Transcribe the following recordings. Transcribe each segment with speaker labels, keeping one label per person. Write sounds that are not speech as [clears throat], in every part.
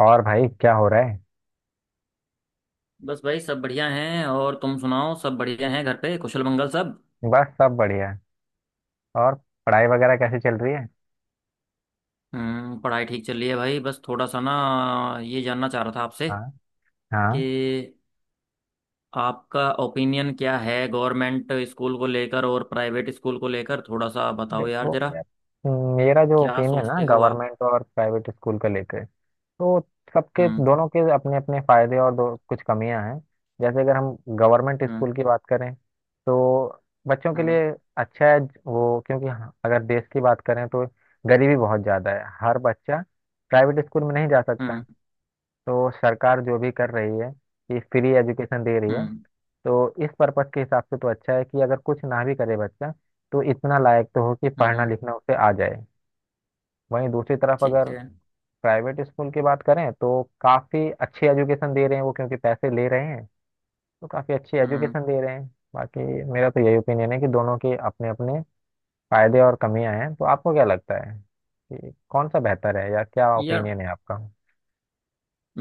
Speaker 1: और भाई क्या हो रहा है?
Speaker 2: बस भाई, सब बढ़िया हैं। और तुम सुनाओ, सब बढ़िया हैं घर पे, कुशल मंगल सब।
Speaker 1: बस सब बढ़िया। और पढ़ाई वगैरह कैसे चल रही है?
Speaker 2: पढ़ाई ठीक चल रही है भाई। बस थोड़ा सा ना, ये जानना चाह रहा था आपसे
Speaker 1: हाँ,
Speaker 2: कि
Speaker 1: हाँ।
Speaker 2: आपका ओपिनियन क्या है गवर्नमेंट स्कूल को लेकर और प्राइवेट स्कूल को लेकर। थोड़ा सा बताओ यार
Speaker 1: देखो
Speaker 2: जरा।
Speaker 1: यार, मेरा जो
Speaker 2: क्या
Speaker 1: ओपिनियन है ना
Speaker 2: सोचते हो आप?
Speaker 1: गवर्नमेंट और प्राइवेट स्कूल का लेकर, तो सबके
Speaker 2: हम्म।
Speaker 1: दोनों के अपने अपने फायदे और दो कुछ कमियां हैं। जैसे अगर हम गवर्नमेंट
Speaker 2: हम्म।
Speaker 1: स्कूल की बात करें तो बच्चों के
Speaker 2: हम्म।
Speaker 1: लिए अच्छा है वो, क्योंकि हाँ, अगर देश की बात करें तो गरीबी बहुत ज़्यादा है, हर बच्चा प्राइवेट स्कूल में नहीं जा सकता।
Speaker 2: हम्म।
Speaker 1: तो सरकार जो भी कर रही है, ये फ्री एजुकेशन दे रही है।
Speaker 2: हम्म।
Speaker 1: तो इस पर्पस के हिसाब से तो अच्छा है कि अगर कुछ ना भी करे बच्चा, तो इतना लायक तो हो कि
Speaker 2: हम्म,
Speaker 1: पढ़ना
Speaker 2: हम्म,
Speaker 1: लिखना उसे आ जाए। वहीं दूसरी तरफ अगर
Speaker 2: ठीक है।
Speaker 1: प्राइवेट स्कूल की बात करें तो काफ़ी अच्छी एजुकेशन दे रहे हैं वो, क्योंकि पैसे ले रहे हैं, तो काफ़ी अच्छी
Speaker 2: हम्म।
Speaker 1: एजुकेशन दे रहे हैं। बाकी मेरा तो यही ओपिनियन है कि दोनों के अपने अपने फायदे और कमियां हैं। तो आपको क्या लगता है कि कौन सा बेहतर है, या क्या
Speaker 2: यार,
Speaker 1: ओपिनियन है आपका?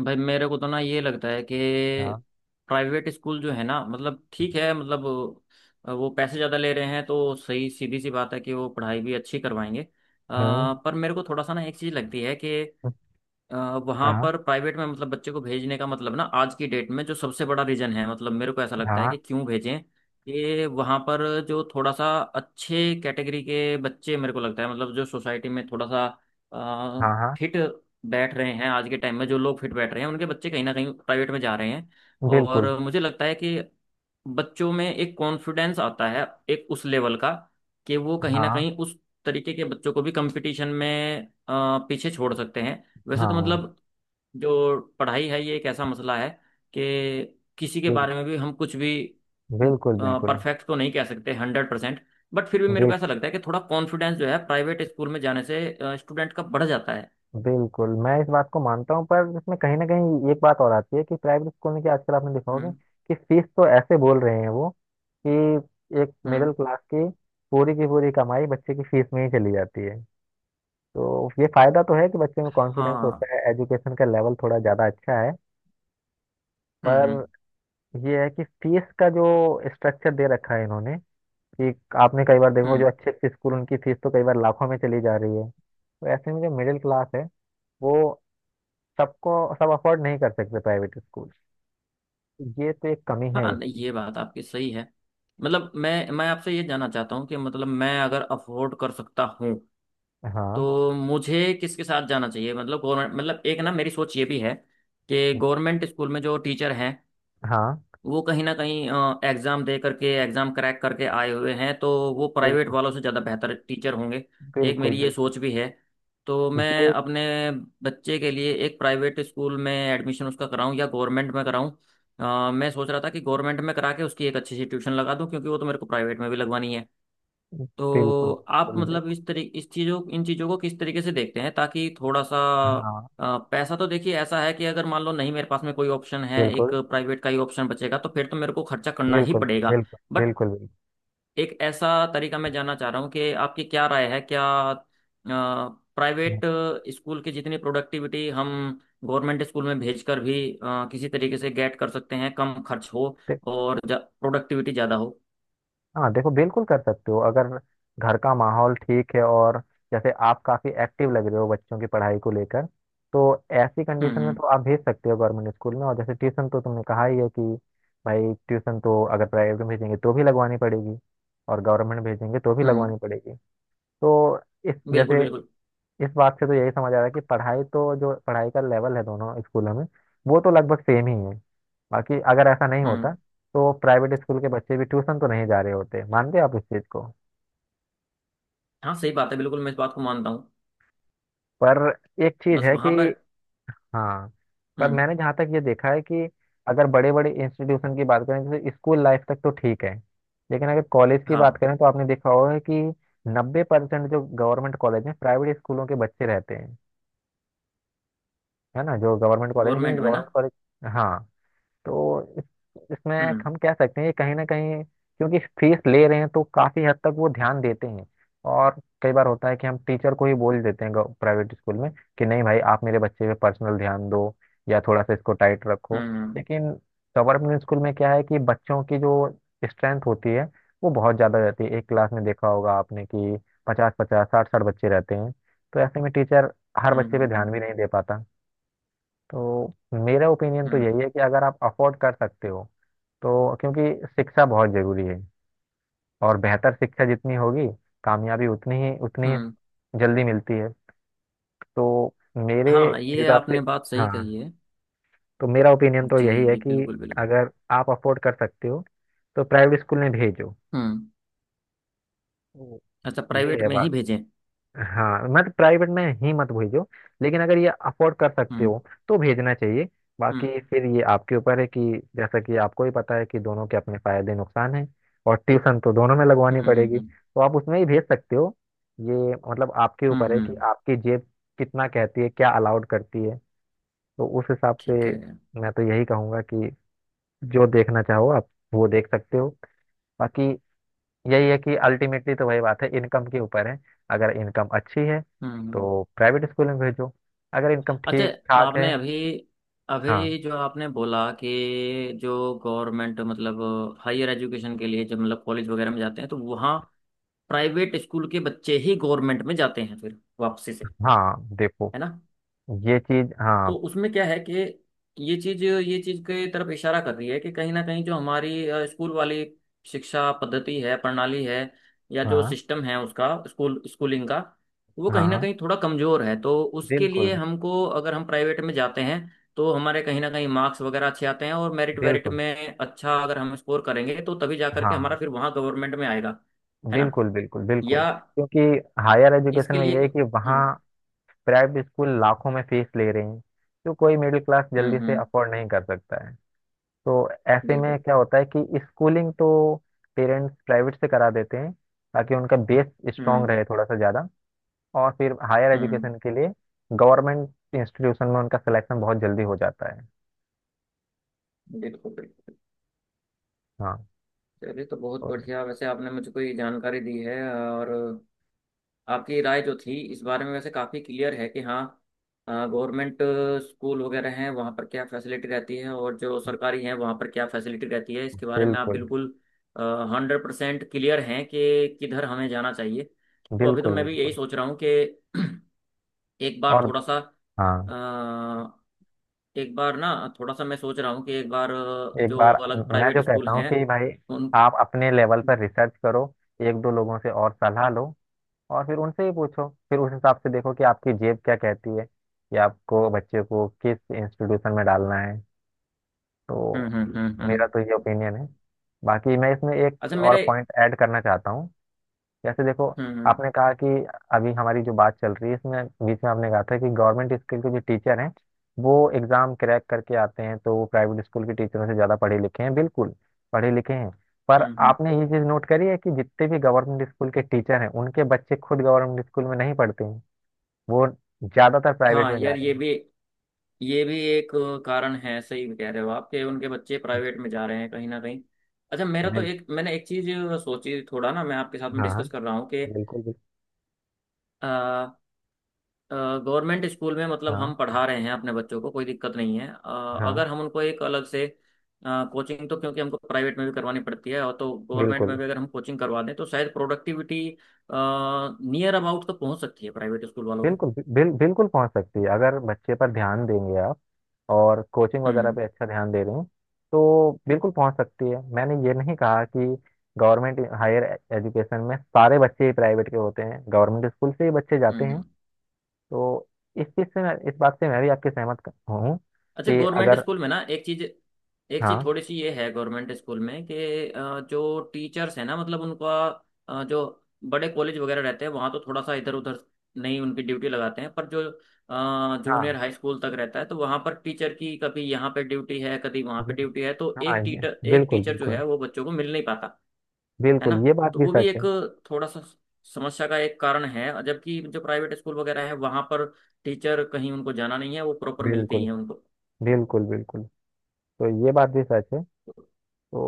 Speaker 2: भाई मेरे को तो ना ये लगता है कि
Speaker 1: हाँ।
Speaker 2: प्राइवेट स्कूल जो है ना, मतलब ठीक है मतलब, वो पैसे ज़्यादा ले रहे हैं तो सही सीधी सी बात है कि वो पढ़ाई भी अच्छी करवाएंगे।
Speaker 1: हम्म।
Speaker 2: पर मेरे को थोड़ा सा ना एक चीज़ लगती है कि वहां
Speaker 1: हाँ,
Speaker 2: पर प्राइवेट में, मतलब बच्चे को भेजने का मतलब ना, आज की डेट में जो सबसे बड़ा रीजन है, मतलब मेरे को ऐसा लगता है
Speaker 1: हाँ,
Speaker 2: कि क्यों भेजें। कि वहां पर जो थोड़ा सा अच्छे कैटेगरी के बच्चे, मेरे को लगता है मतलब, जो सोसाइटी में थोड़ा सा
Speaker 1: हाँ, हाँ,
Speaker 2: फिट बैठ रहे हैं, आज के टाइम में जो लोग फिट बैठ रहे हैं, उनके बच्चे कहीं ना कहीं प्राइवेट में जा रहे हैं।
Speaker 1: बिल्कुल,
Speaker 2: और मुझे लगता है कि बच्चों में एक कॉन्फिडेंस आता है, एक उस लेवल का कि वो कहीं ना
Speaker 1: हाँ,
Speaker 2: कहीं उस तरीके के बच्चों को भी कंपटीशन में पीछे छोड़ सकते हैं। वैसे तो
Speaker 1: हाँ,
Speaker 2: मतलब, जो पढ़ाई है ये एक ऐसा मसला है कि किसी के बारे
Speaker 1: बिल्कुल,
Speaker 2: में भी हम कुछ भी
Speaker 1: बिल्कुल, बिल्कुल।
Speaker 2: परफेक्ट तो नहीं कह सकते 100%। बट फिर भी मेरे
Speaker 1: बिल,
Speaker 2: को ऐसा लगता है कि थोड़ा कॉन्फिडेंस जो है प्राइवेट स्कूल में जाने से स्टूडेंट का बढ़ जाता है।
Speaker 1: बिल्कुल मैं इस बात को मानता हूँ, पर इसमें कहीं ना कहीं एक बात और आती है कि प्राइवेट स्कूल में क्या आजकल आपने देखा होगा
Speaker 2: हम्म।
Speaker 1: कि फीस तो ऐसे बोल रहे हैं वो, कि एक मिडिल
Speaker 2: हम्म।
Speaker 1: क्लास की पूरी कमाई बच्चे की फीस में ही चली जाती है। तो ये फायदा तो है कि बच्चे में कॉन्फिडेंस
Speaker 2: हाँ।
Speaker 1: होता है, एजुकेशन का लेवल थोड़ा ज्यादा अच्छा है।
Speaker 2: हम्म। हम्म।
Speaker 1: पर ये है कि फीस का जो स्ट्रक्चर दे रखा है इन्होंने, कि आपने कई बार देखो, जो
Speaker 2: हम्म।
Speaker 1: अच्छे अच्छे स्कूल उनकी फीस तो कई बार लाखों में चली जा रही है। तो ऐसे में जो मिडिल क्लास है, वो सबको सब अफोर्ड नहीं कर सकते प्राइवेट स्कूल। ये तो एक कमी है
Speaker 2: हाँ, नहीं,
Speaker 1: इसकी।
Speaker 2: ये बात आपकी सही है। मतलब मैं आपसे ये जानना चाहता हूँ कि मतलब मैं अगर अफोर्ड कर सकता हूँ
Speaker 1: हाँ,
Speaker 2: तो मुझे किसके साथ जाना चाहिए? मतलब गवर्नमेंट मतलब, एक ना मेरी सोच ये भी है कि गवर्नमेंट स्कूल में जो टीचर हैं
Speaker 1: हाँ,
Speaker 2: वो कहीं ना कहीं एग्ज़ाम दे करके, एग्ज़ाम क्रैक करके आए हुए हैं, तो वो प्राइवेट
Speaker 1: बिल्कुल,
Speaker 2: वालों से ज़्यादा बेहतर टीचर होंगे। एक
Speaker 1: बिल्कुल,
Speaker 2: मेरी ये
Speaker 1: बिल्कुल,
Speaker 2: सोच भी है। तो मैं
Speaker 1: ये
Speaker 2: अपने बच्चे के लिए एक प्राइवेट स्कूल में एडमिशन उसका कराऊं या गवर्नमेंट में कराऊं? मैं सोच रहा था कि गवर्नमेंट में करा के उसकी एक अच्छी सी ट्यूशन लगा दूं, क्योंकि वो तो मेरे को प्राइवेट में भी लगवानी है।
Speaker 1: बिल्कुल,
Speaker 2: तो आप
Speaker 1: बिल्कुल,
Speaker 2: मतलब इस तरीके, इस चीज़ों इन चीज़ों को किस तरीके से देखते हैं ताकि थोड़ा सा।
Speaker 1: हाँ,
Speaker 2: पैसा तो देखिए ऐसा है कि अगर मान लो, नहीं, मेरे पास में कोई ऑप्शन है, एक
Speaker 1: बिल्कुल,
Speaker 2: प्राइवेट का ही ऑप्शन बचेगा तो फिर तो मेरे को खर्चा करना ही
Speaker 1: बिल्कुल,
Speaker 2: पड़ेगा।
Speaker 1: बिल्कुल,
Speaker 2: बट
Speaker 1: बिल्कुल,
Speaker 2: एक ऐसा तरीका मैं जानना चाह रहा हूँ कि आपकी क्या राय है, क्या प्राइवेट
Speaker 1: बिल्कुल।
Speaker 2: स्कूल की जितनी प्रोडक्टिविटी हम गवर्नमेंट स्कूल में भेजकर भी किसी तरीके से गेट कर सकते हैं? कम खर्च हो और प्रोडक्टिविटी ज़्यादा हो।
Speaker 1: हाँ, देखो, बिल्कुल कर सकते हो अगर घर का माहौल ठीक है, और जैसे आप काफी एक्टिव लग रहे हो बच्चों की पढ़ाई को लेकर, तो ऐसी
Speaker 2: हम्म।
Speaker 1: कंडीशन में
Speaker 2: हम्म।
Speaker 1: तो आप भेज सकते हो गवर्नमेंट स्कूल में। और जैसे ट्यूशन तो तुमने कहा ही है कि भाई, ट्यूशन तो अगर प्राइवेट में भेजेंगे तो भी लगवानी पड़ेगी, और गवर्नमेंट भेजेंगे तो भी
Speaker 2: हम्म,
Speaker 1: लगवानी पड़ेगी। तो इस
Speaker 2: बिल्कुल
Speaker 1: जैसे
Speaker 2: बिल्कुल।
Speaker 1: इस बात से तो यही समझ आ रहा है कि पढ़ाई तो, जो पढ़ाई का लेवल है दोनों स्कूलों में, वो तो लगभग सेम ही है। बाकी अगर ऐसा नहीं होता
Speaker 2: हम्म।
Speaker 1: तो प्राइवेट स्कूल के बच्चे भी ट्यूशन तो नहीं जा रहे होते। मानते हैं आप इस चीज को?
Speaker 2: हाँ सही बात है, बिल्कुल मैं इस बात को मानता हूँ।
Speaker 1: पर एक चीज
Speaker 2: बस
Speaker 1: है
Speaker 2: वहां
Speaker 1: कि,
Speaker 2: पर।
Speaker 1: हाँ, पर
Speaker 2: हम्म।
Speaker 1: मैंने जहाँ तक ये देखा है कि अगर बड़े बड़े इंस्टीट्यूशन की बात करें, जैसे स्कूल लाइफ तक तो ठीक है, लेकिन अगर कॉलेज की बात
Speaker 2: हाँ।
Speaker 1: करें तो आपने देखा होगा कि 90% जो गवर्नमेंट कॉलेज में प्राइवेट स्कूलों के बच्चे रहते हैं, है ना? जो गवर्नमेंट कॉलेज है,
Speaker 2: गवर्नमेंट
Speaker 1: क्योंकि
Speaker 2: में ना।
Speaker 1: गवर्नमेंट कॉलेज, हाँ। तो इसमें
Speaker 2: हम्म।
Speaker 1: हम कह सकते हैं कि कहीं ना कहीं क्योंकि फीस ले रहे हैं, तो काफी हद तक वो ध्यान देते हैं। और कई बार होता है कि हम टीचर को ही बोल देते हैं प्राइवेट स्कूल में, कि नहीं भाई, आप मेरे बच्चे पे पर्सनल ध्यान दो, या थोड़ा सा इसको टाइट रखो।
Speaker 2: हम्म।
Speaker 1: लेकिन गवर्नमेंट स्कूल में क्या है कि बच्चों की जो स्ट्रेंथ होती है, वो बहुत ज्यादा रहती है। एक क्लास में देखा होगा आपने कि 50, 50, 60, 60 बच्चे रहते हैं, तो ऐसे में टीचर हर
Speaker 2: हम्म।
Speaker 1: बच्चे
Speaker 2: हम्म।
Speaker 1: पे
Speaker 2: हम्म।
Speaker 1: ध्यान भी नहीं दे पाता। तो मेरा ओपिनियन तो
Speaker 2: हम्म।
Speaker 1: यही है कि अगर आप अफोर्ड कर सकते हो, तो, क्योंकि शिक्षा बहुत जरूरी है और बेहतर शिक्षा जितनी होगी, कामयाबी उतनी ही
Speaker 2: हम्म,
Speaker 1: जल्दी मिलती है। तो मेरे
Speaker 2: हाँ, ये
Speaker 1: हिसाब से,
Speaker 2: आपने बात सही
Speaker 1: हाँ,
Speaker 2: कही है।
Speaker 1: तो मेरा ओपिनियन तो
Speaker 2: जी
Speaker 1: यही है
Speaker 2: जी,
Speaker 1: कि
Speaker 2: बिल्कुल बिल्कुल।
Speaker 1: अगर आप अफोर्ड कर सकते हो तो प्राइवेट स्कूल में भेजो।
Speaker 2: हम्म।
Speaker 1: हम्म।
Speaker 2: अच्छा,
Speaker 1: ये
Speaker 2: प्राइवेट
Speaker 1: है
Speaker 2: में ही
Speaker 1: बात।
Speaker 2: भेजें?
Speaker 1: हाँ, मत प्राइवेट में ही मत भेजो, लेकिन अगर ये अफोर्ड कर सकते
Speaker 2: हम्म।
Speaker 1: हो तो भेजना चाहिए।
Speaker 2: हम्म।
Speaker 1: बाकी फिर ये आपके ऊपर है, कि जैसा कि आपको ही पता है कि दोनों के अपने फायदे नुकसान हैं, और ट्यूशन तो दोनों में
Speaker 2: हम्म।
Speaker 1: लगवानी
Speaker 2: हम्म।
Speaker 1: पड़ेगी,
Speaker 2: हम्म।
Speaker 1: तो आप उसमें ही भेज सकते हो। ये मतलब आपके
Speaker 2: हम्म,
Speaker 1: ऊपर है कि
Speaker 2: हम्म,
Speaker 1: आपकी जेब कितना कहती है, क्या अलाउड करती है। तो उस हिसाब से
Speaker 2: ठीक है। हम्म।
Speaker 1: मैं तो यही कहूंगा कि जो देखना चाहो आप, वो देख सकते हो। बाकी यही है कि अल्टीमेटली तो वही बात है, इनकम के ऊपर है। अगर इनकम अच्छी है
Speaker 2: हम्म,
Speaker 1: तो प्राइवेट स्कूल में भेजो। अगर इनकम
Speaker 2: अच्छा।
Speaker 1: ठीक ठाक है,
Speaker 2: आपने अभी
Speaker 1: हाँ,
Speaker 2: अभी जो आपने बोला कि जो गवर्नमेंट मतलब, हायर एजुकेशन के लिए जब मतलब कॉलेज वगैरह में जाते हैं, तो वहाँ प्राइवेट स्कूल के बच्चे ही गवर्नमेंट में जाते हैं फिर वापसी से,
Speaker 1: हाँ, देखो,
Speaker 2: है ना?
Speaker 1: ये चीज, हाँ,
Speaker 2: तो उसमें क्या है कि ये चीज के तरफ इशारा कर रही है कि कहीं ना कहीं जो हमारी स्कूल वाली शिक्षा पद्धति है, प्रणाली है, या जो
Speaker 1: हाँ,
Speaker 2: सिस्टम है उसका, स्कूलिंग का, वो कहीं ना
Speaker 1: हाँ,
Speaker 2: कहीं थोड़ा कमजोर है। तो उसके लिए
Speaker 1: बिल्कुल,
Speaker 2: हमको, अगर हम प्राइवेट में जाते हैं तो हमारे कहीं ना कहीं मार्क्स वगैरह अच्छे आते हैं, और मेरिट वेरिट
Speaker 1: बिल्कुल,
Speaker 2: में अच्छा अगर हम स्कोर करेंगे तो तभी जा करके हमारा
Speaker 1: हाँ,
Speaker 2: फिर वहाँ गवर्नमेंट में आएगा, है ना?
Speaker 1: बिल्कुल, बिल्कुल, बिल्कुल।
Speaker 2: या
Speaker 1: क्योंकि हायर एजुकेशन
Speaker 2: इसके
Speaker 1: में
Speaker 2: लिए
Speaker 1: ये
Speaker 2: तो।
Speaker 1: है कि वहाँ
Speaker 2: हम्म।
Speaker 1: प्राइवेट स्कूल लाखों में फीस ले रहे हैं, जो कोई मिडिल क्लास जल्दी
Speaker 2: हम्म।
Speaker 1: से
Speaker 2: हम्म।
Speaker 1: अफोर्ड नहीं कर सकता है। तो ऐसे में
Speaker 2: बिल्कुल।
Speaker 1: क्या होता है कि स्कूलिंग तो पेरेंट्स प्राइवेट से करा देते हैं, ताकि उनका बेस स्ट्रांग
Speaker 2: हम्म।
Speaker 1: रहे थोड़ा सा ज़्यादा, और फिर हायर
Speaker 2: हम्म।
Speaker 1: एजुकेशन के लिए गवर्नमेंट इंस्टीट्यूशन में उनका सिलेक्शन बहुत जल्दी हो जाता है।
Speaker 2: बिल्कुल बिल्कुल।
Speaker 1: हाँ,
Speaker 2: चलिए तो बहुत
Speaker 1: तो
Speaker 2: बढ़िया, वैसे आपने मुझको ये जानकारी दी है, और आपकी राय जो थी इस बारे में वैसे काफ़ी क्लियर है कि हाँ, गवर्नमेंट स्कूल वगैरह हैं वहाँ पर क्या फैसिलिटी रहती है और जो सरकारी हैं वहाँ पर क्या फैसिलिटी रहती है, इसके बारे में आप
Speaker 1: बिल्कुल,
Speaker 2: बिल्कुल 100% क्लियर हैं कि किधर हमें जाना चाहिए। तो अभी तो
Speaker 1: बिल्कुल,
Speaker 2: मैं भी यही
Speaker 1: बिल्कुल।
Speaker 2: सोच रहा हूँ कि [clears throat] एक बार
Speaker 1: और
Speaker 2: थोड़ा सा
Speaker 1: हाँ,
Speaker 2: एक बार ना थोड़ा सा मैं सोच रहा हूँ कि एक बार,
Speaker 1: एक
Speaker 2: जो
Speaker 1: बार
Speaker 2: अलग
Speaker 1: मैं
Speaker 2: प्राइवेट
Speaker 1: जो
Speaker 2: स्कूल
Speaker 1: कहता हूँ
Speaker 2: हैं
Speaker 1: कि भाई,
Speaker 2: उन।
Speaker 1: आप अपने लेवल पर रिसर्च करो, एक दो लोगों से और सलाह लो, और फिर उनसे ही पूछो, फिर उस हिसाब से देखो कि आपकी जेब क्या कहती है, कि आपको बच्चे को किस इंस्टीट्यूशन में डालना है। तो
Speaker 2: हम्म। हम्म। हम्म।
Speaker 1: मेरा तो ये
Speaker 2: हम्म।
Speaker 1: ओपिनियन है। बाकी मैं इसमें एक
Speaker 2: अच्छा
Speaker 1: और
Speaker 2: मेरे।
Speaker 1: पॉइंट ऐड करना चाहता हूँ। जैसे देखो,
Speaker 2: हम्म। हम्म।
Speaker 1: आपने कहा कि अभी हमारी जो बात चल रही है, इसमें बीच में आपने कहा था कि गवर्नमेंट स्कूल के जो टीचर हैं वो एग्ज़ाम क्रैक करके आते हैं, तो वो प्राइवेट स्कूल के टीचरों से ज़्यादा पढ़े लिखे हैं, बिल्कुल पढ़े लिखे हैं। पर
Speaker 2: हम्म। हम्म।
Speaker 1: आपने ये चीज़ नोट करी है कि जितने भी गवर्नमेंट स्कूल के टीचर हैं, उनके बच्चे खुद गवर्नमेंट स्कूल में नहीं पढ़ते हैं, वो ज़्यादातर प्राइवेट
Speaker 2: हाँ
Speaker 1: में जा
Speaker 2: यार,
Speaker 1: रहे
Speaker 2: ये
Speaker 1: हैं।
Speaker 2: भी ये भी एक कारण है, सही कह रहे हो आप, कि उनके बच्चे प्राइवेट में जा रहे हैं कहीं ना कहीं। अच्छा मेरा तो
Speaker 1: बिल,
Speaker 2: एक मैंने एक चीज सोची, थोड़ा ना मैं आपके साथ में
Speaker 1: हाँ,
Speaker 2: डिस्कस कर रहा हूँ कि
Speaker 1: बिल्कुल, बिल्कुल,
Speaker 2: गवर्नमेंट स्कूल में मतलब
Speaker 1: हाँ,
Speaker 2: हम पढ़ा रहे हैं अपने बच्चों को, कोई दिक्कत नहीं है,
Speaker 1: हाँ,
Speaker 2: अगर हम उनको एक अलग से कोचिंग, तो क्योंकि हमको प्राइवेट में भी करवानी पड़ती है, और तो गवर्नमेंट
Speaker 1: बिल्कुल,
Speaker 2: में भी अगर हम कोचिंग करवा दें तो शायद प्रोडक्टिविटी नियर अबाउट तो पहुंच सकती है प्राइवेट स्कूल वालों के।
Speaker 1: बिल्कुल, बिल्कुल पहुंच सकती है, अगर बच्चे पर ध्यान देंगे आप और कोचिंग वगैरह
Speaker 2: हम्म।
Speaker 1: पे अच्छा ध्यान दे रहे हैं, तो बिल्कुल पहुंच सकती है। मैंने ये नहीं कहा कि गवर्नमेंट हायर एजुकेशन में सारे बच्चे ही प्राइवेट के होते हैं, गवर्नमेंट स्कूल से ही बच्चे जाते
Speaker 2: हम्म।
Speaker 1: हैं।
Speaker 2: हम्म।
Speaker 1: तो इस बात से मैं भी आपके सहमत हूँ,
Speaker 2: अच्छा
Speaker 1: कि
Speaker 2: गवर्नमेंट
Speaker 1: अगर,
Speaker 2: स्कूल में ना, एक चीज
Speaker 1: हाँ,
Speaker 2: थोड़ी सी ये है गवर्नमेंट स्कूल में कि जो टीचर्स हैं ना, मतलब उनका, जो बड़े कॉलेज वगैरह रहते हैं वहाँ तो थोड़ा सा इधर उधर नहीं उनकी ड्यूटी लगाते हैं, पर जो
Speaker 1: हाँ,
Speaker 2: जूनियर हाई स्कूल तक रहता है, तो वहाँ पर टीचर की कभी यहाँ पे ड्यूटी है कभी वहाँ पे
Speaker 1: हम्म,
Speaker 2: ड्यूटी है, तो
Speaker 1: हाँ,
Speaker 2: एक
Speaker 1: ये
Speaker 2: टीचर एक
Speaker 1: बिल्कुल,
Speaker 2: टीचर जो
Speaker 1: बिल्कुल,
Speaker 2: है वो बच्चों को मिल नहीं पाता। है
Speaker 1: बिल्कुल।
Speaker 2: ना?
Speaker 1: ये बात
Speaker 2: तो
Speaker 1: भी
Speaker 2: वो भी
Speaker 1: सच
Speaker 2: एक,
Speaker 1: है।
Speaker 2: थोड़ा सा समस्या का एक कारण है, जबकि जो प्राइवेट स्कूल वगैरह है वहाँ पर टीचर, कहीं उनको जाना नहीं है, वो प्रॉपर मिलते ही
Speaker 1: बिल्कुल,
Speaker 2: हैं उनको।
Speaker 1: बिल्कुल, बिल्कुल, तो ये बात भी सच है। तो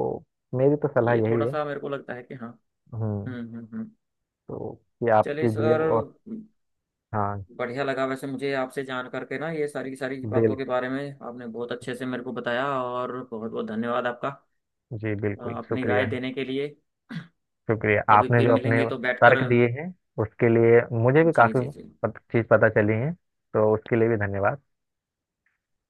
Speaker 1: मेरी तो सलाह
Speaker 2: ये
Speaker 1: यही
Speaker 2: थोड़ा
Speaker 1: है।
Speaker 2: सा मेरे को लगता है कि हाँ।
Speaker 1: हम्म
Speaker 2: हम्म। हम्म। हम्म।
Speaker 1: तो ये
Speaker 2: चलिए
Speaker 1: आपकी जेब,
Speaker 2: सर,
Speaker 1: और हाँ,
Speaker 2: बढ़िया लगा वैसे मुझे आपसे जान करके ना, ये सारी की सारी
Speaker 1: बिल
Speaker 2: बातों के बारे में आपने बहुत अच्छे से मेरे को बताया। और बहुत बहुत धन्यवाद आपका
Speaker 1: जी, बिल्कुल,
Speaker 2: अपनी राय
Speaker 1: शुक्रिया,
Speaker 2: देने के लिए।
Speaker 1: शुक्रिया।
Speaker 2: कभी
Speaker 1: आपने
Speaker 2: फिर
Speaker 1: जो अपने
Speaker 2: मिलेंगे तो बैठकर।
Speaker 1: तर्क दिए हैं, उसके लिए मुझे भी
Speaker 2: जी
Speaker 1: काफ़ी
Speaker 2: जी जी।
Speaker 1: चीज़ पता चली है, तो उसके लिए भी धन्यवाद।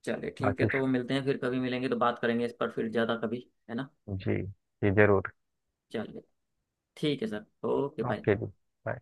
Speaker 2: चलिए ठीक है,
Speaker 1: बाकी
Speaker 2: तो मिलते हैं, फिर कभी मिलेंगे तो बात करेंगे इस पर फिर ज़्यादा कभी, है ना?
Speaker 1: जी, जी, ज़रूर।
Speaker 2: चलिए ठीक है सर, ओके बाय।
Speaker 1: ओके जी। बाय।